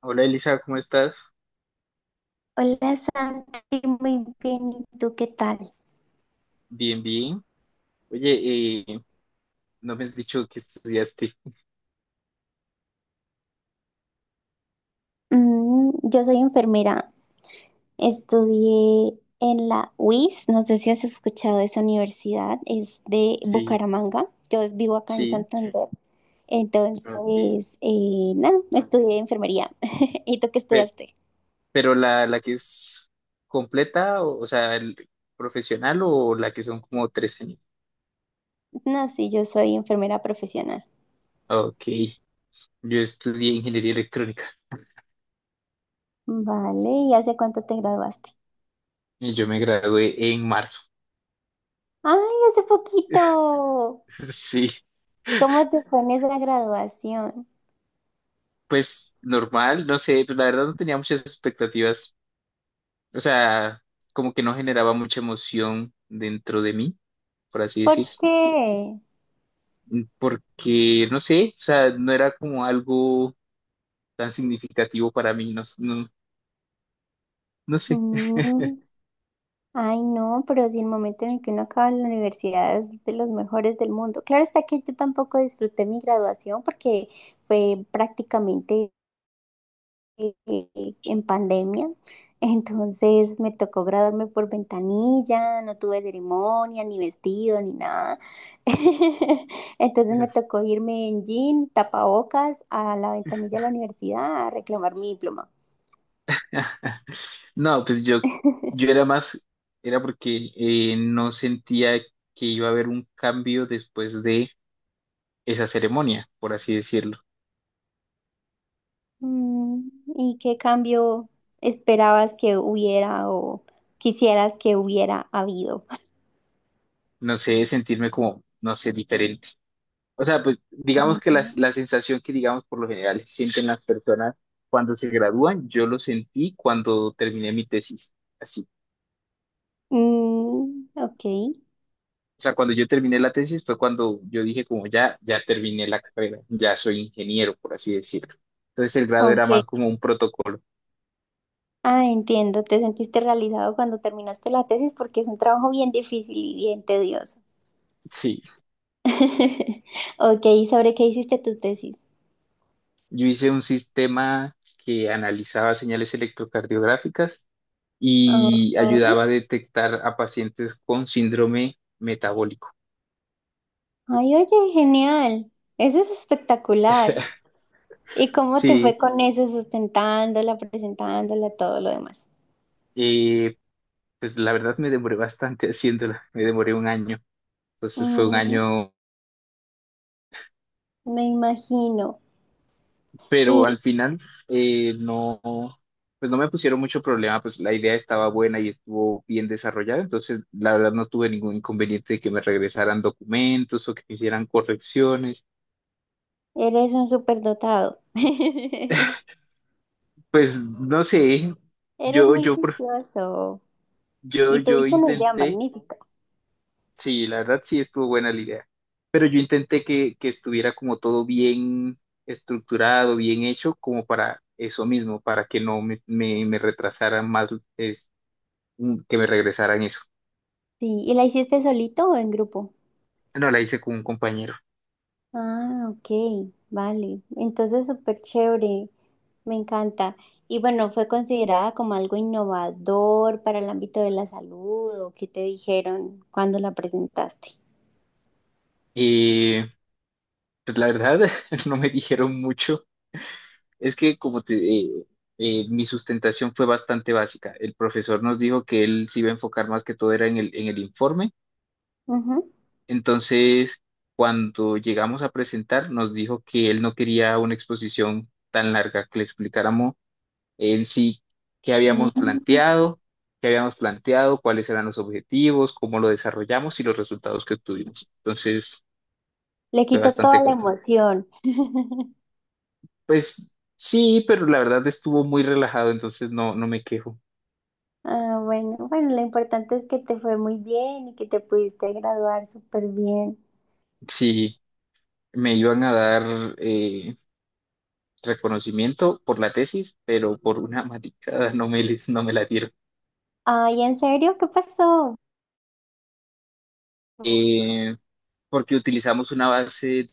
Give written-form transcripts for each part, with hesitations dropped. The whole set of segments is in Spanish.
Hola Elisa, ¿cómo estás? Hola Santi, muy bien. ¿Y tú qué tal? Bien, bien. Oye, no me has dicho que estudiaste. Yo soy enfermera. Estudié en la UIS. No sé si has escuchado de esa universidad. Es de Sí, Bucaramanga. Yo vivo acá en sí, Santander. ok. Entonces, nada, estudié enfermería. ¿Y tú qué Pero, estudiaste? pero la que es completa, o sea, el profesional o la que son como 3 años. No, sí, yo soy enfermera profesional. Ok, yo estudié ingeniería electrónica Vale, ¿y hace cuánto te graduaste? y yo me gradué en marzo. ¡Ay, hace poquito! Sí, ¿Cómo te fue en esa graduación? pues normal, no sé, pues la verdad no tenía muchas expectativas, o sea, como que no generaba mucha emoción dentro de mí, por así ¿Por decir. qué? Porque no sé, o sea, no era como algo tan significativo para mí, no, no, no sé. Mm, Ay, no, pero si el momento en el que uno acaba la universidad es de los mejores del mundo. Claro está que yo tampoco disfruté mi graduación porque fue prácticamente en pandemia. Entonces me tocó graduarme por ventanilla, no tuve ceremonia, ni vestido, ni nada. Entonces me tocó irme en jean, tapabocas, a la ventanilla de la universidad a reclamar mi diploma. No, pues yo era más, era porque no sentía que iba a haber un cambio después de esa ceremonia, por así decirlo. ¿Y qué cambio esperabas que hubiera o quisieras que hubiera habido? No sé, sentirme como, no sé, diferente. O sea, pues digamos que la sensación que, digamos, por lo general sienten las personas cuando se gradúan, yo lo sentí cuando terminé mi tesis. Así. Mm, ok, O sea, cuando yo terminé la tesis fue cuando yo dije como ya, ya terminé la carrera, ya soy ingeniero, por así decirlo. Entonces el grado era más ok. como un protocolo. Ah, entiendo. Te sentiste realizado cuando terminaste la tesis porque es un trabajo bien difícil y bien tedioso. Sí, Ok, ¿y sobre qué hiciste tu tesis? yo hice un sistema que analizaba señales electrocardiográficas y Ujú. ayudaba a detectar a pacientes con síndrome metabólico. Ay, oye, genial. Eso es espectacular. ¿Y cómo te fue Sí, con eso, sustentándola, presentándola, todo lo demás? eh, pues la verdad me demoré bastante haciéndola, me demoré un año. Entonces fue un Mm, año, Me imagino. pero al final no, pues no me pusieron mucho problema, pues la idea estaba buena y estuvo bien desarrollada, entonces la verdad no tuve ningún inconveniente de que me regresaran documentos o que me hicieran correcciones, Eres un superdotado. pues no sé, Eres yo, muy yo, por- juicioso. yo, Y yo tuviste una idea intenté, magnífica. sí, la verdad sí estuvo buena la idea, pero yo intenté que estuviera como todo bien estructurado, bien hecho, como para eso mismo, para que no me retrasaran más, que me regresaran eso. Sí, ¿y la hiciste solito o en grupo? No, la hice con un compañero. Ah, ok, vale. Entonces, súper chévere. Me encanta. Y bueno, ¿fue considerada como algo innovador para el ámbito de la salud o qué te dijeron cuando la presentaste? Y pues la verdad, no me dijeron mucho. Es que mi sustentación fue bastante básica. El profesor nos dijo que él se iba a enfocar más que todo era en el informe. Entonces, cuando llegamos a presentar, nos dijo que él no quería una exposición tan larga, que le explicáramos en sí qué Ujú. habíamos Mm. planteado, qué habíamos planteado, cuáles eran los objetivos, cómo lo desarrollamos y los resultados que obtuvimos. Entonces, Le fue quito toda bastante la corto. emoción. Pues sí, pero la verdad estuvo muy relajado, entonces no, no me quejo. Ah, bueno, bueno, lo importante es que te fue muy bien y que te pudiste graduar súper bien. Sí, me iban a dar eh, reconocimiento por la tesis, pero por una maticada no me la dieron. Ay, ¿en serio? ¿Qué pasó? Eh, Porque utilizamos una base de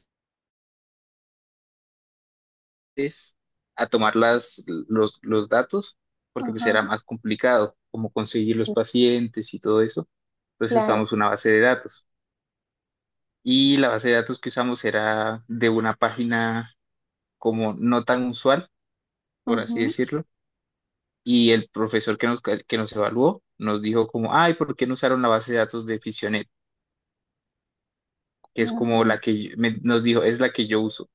test a tomar los datos, porque pues Ajá, era más complicado como conseguir los sí, pacientes y todo eso. Entonces claro. usamos una base de datos. Y la base de datos que usamos era de una página como no tan usual por así Ujú. decirlo, y el profesor que nos evaluó nos dijo como, ay, ¿por qué no usaron la base de datos de Fisionet? Que es como Ay, la que nos dijo, es la que yo uso.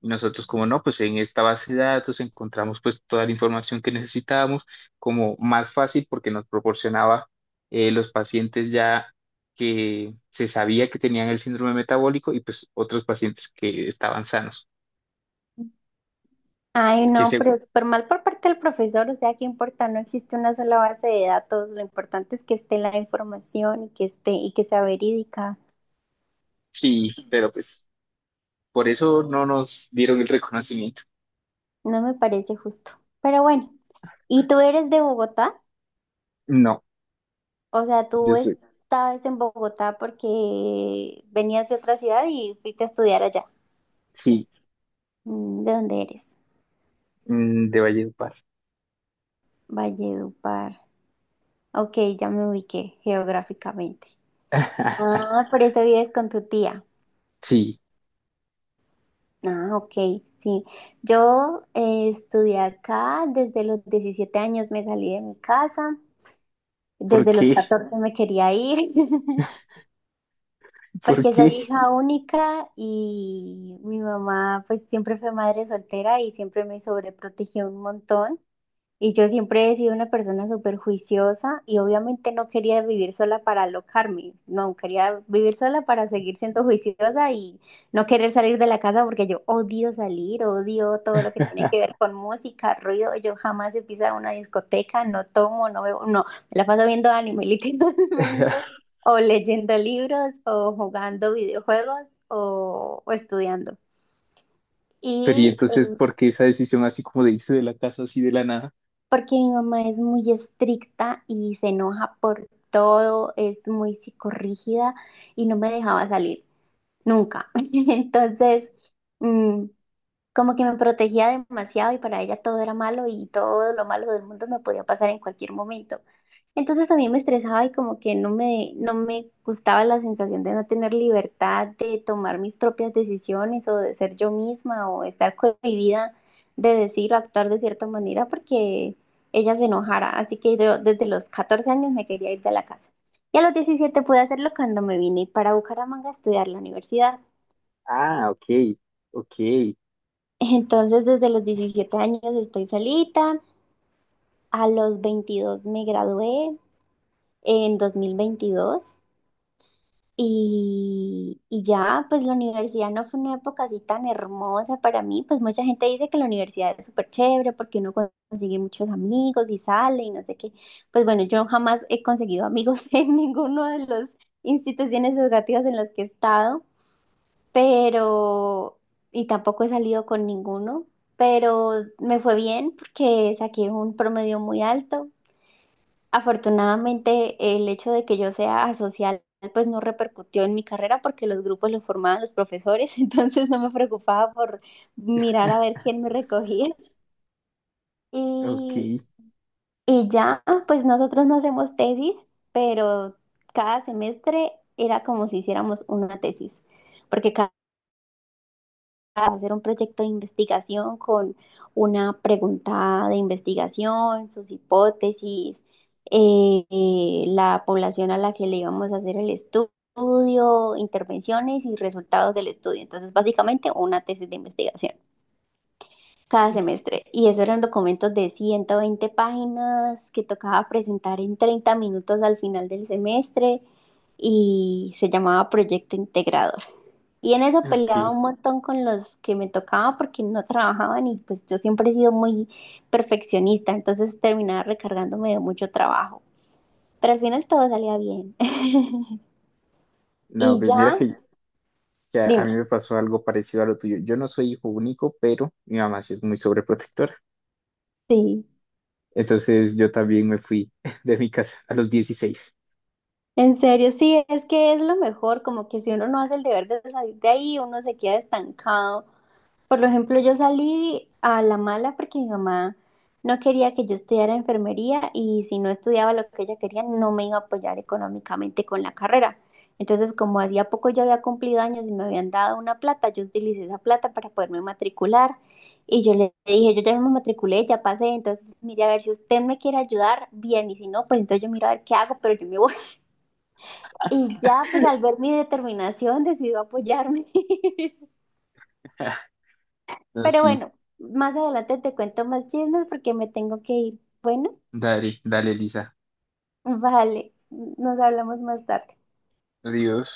Y nosotros como, no, pues en esta base de datos encontramos pues toda la información que necesitábamos como más fácil porque nos proporcionaba los pacientes ya que se sabía que tenían el síndrome metabólico y pues otros pacientes que estaban sanos. ay, Que no, se, pero súper mal por parte del profesor, o sea, qué importa, no existe una sola base de datos, lo importante es que esté la información y que esté y que sea verídica. sí, pero pues por eso no nos dieron el reconocimiento. No me parece justo. Pero bueno, ¿y tú eres de Bogotá? No, O sea, tú yo soy. estabas en Bogotá porque venías de otra ciudad y fuiste a estudiar allá. Sí, ¿De dónde eres? De Valledupar. Valledupar. Ok, ya me ubiqué geográficamente. Ah, por eso vives con tu tía. Sí, Ah, ok, sí. Yo estudié acá, desde los 17 años me salí de mi casa, ¿por desde los qué? 14 me quería ir, ¿Por porque soy qué? hija única y mi mamá pues siempre fue madre soltera y siempre me sobreprotegió un montón. Y yo siempre he sido una persona súper juiciosa y obviamente no quería vivir sola para alocarme, no, quería vivir sola para seguir siendo juiciosa y no querer salir de la casa porque yo odio salir, odio todo lo que tiene que ver con música, ruido, yo jamás he pisado una discoteca, no tomo, no bebo, no, me la paso viendo anime literalmente, o leyendo libros, o jugando videojuegos, o estudiando. Pero y Y entonces, ¿por qué esa decisión así como de irse de la casa así de la nada? porque mi mamá es muy estricta y se enoja por todo, es muy psicorrígida y no me dejaba salir, nunca. Entonces, mm, como que me protegía demasiado y para ella todo era malo y todo lo malo del mundo me podía pasar en cualquier momento. Entonces a mí me estresaba y como que no me gustaba la sensación de no tener libertad de tomar mis propias decisiones o de ser yo misma o estar cohibida de decir o actuar de cierta manera porque ella se enojara. Así que yo desde los 14 años me quería ir de la casa. Y a los 17 pude hacerlo cuando me vine para Bucaramanga a estudiar la universidad. Ah, ok, ok, Entonces desde los 17 años estoy solita. A los 22 me gradué en 2022. Y ya, pues la universidad no fue una época así tan hermosa para mí, pues mucha gente dice que la universidad es súper chévere porque uno consigue muchos amigos y sale y no sé qué. Pues bueno, yo jamás he conseguido amigos en ninguno de las instituciones educativas en las que he estado, pero, y tampoco he salido con ninguno, pero me fue bien porque saqué un promedio muy alto. Afortunadamente, el hecho de que yo sea asocial, pues no repercutió en mi carrera porque los grupos los formaban los profesores, entonces no me preocupaba por mirar a ver quién me recogía. ok, Y, y ya, pues nosotros no hacemos tesis, pero cada semestre era como si hiciéramos una tesis, porque a hacer un proyecto de investigación con una pregunta de investigación, sus hipótesis, la población a la que le íbamos a hacer el estudio, intervenciones y resultados del estudio. Entonces, básicamente una tesis de investigación cada semestre. Y eso eran documentos de 120 páginas que tocaba presentar en 30 minutos al final del semestre y se llamaba proyecto integrado. Y en eso peleaba ok. un montón con los que me tocaba porque no trabajaban y pues yo siempre he sido muy perfeccionista, entonces terminaba recargándome de mucho trabajo. Pero al final todo salía bien. No, Y pues mira ya, que a dime, mí me pasó algo parecido a lo tuyo. Yo no soy hijo único, pero mi mamá sí es muy sobreprotectora. sí, Entonces yo también me fui de mi casa a los 16. en serio, sí, es que es lo mejor, como que si uno no hace el deber de salir de ahí, uno se queda estancado. Por ejemplo, yo salí a la mala porque mi mamá no quería que yo estudiara enfermería y si no estudiaba lo que ella quería, no me iba a apoyar económicamente con la carrera. Entonces, como hacía poco yo había cumplido años y me habían dado una plata, yo utilicé esa plata para poderme matricular y yo le dije, yo ya me matriculé, ya pasé, entonces mire a ver si usted me quiere ayudar, bien, y si no, pues entonces yo miro a ver qué hago, pero yo me voy. Y ya, pues al ver mi determinación, decidió apoyarme. No, Pero sí, bueno, más adelante te cuento más chismes porque me tengo que ir. Bueno, dale, dale, Lisa. vale, nos hablamos más tarde. Adiós.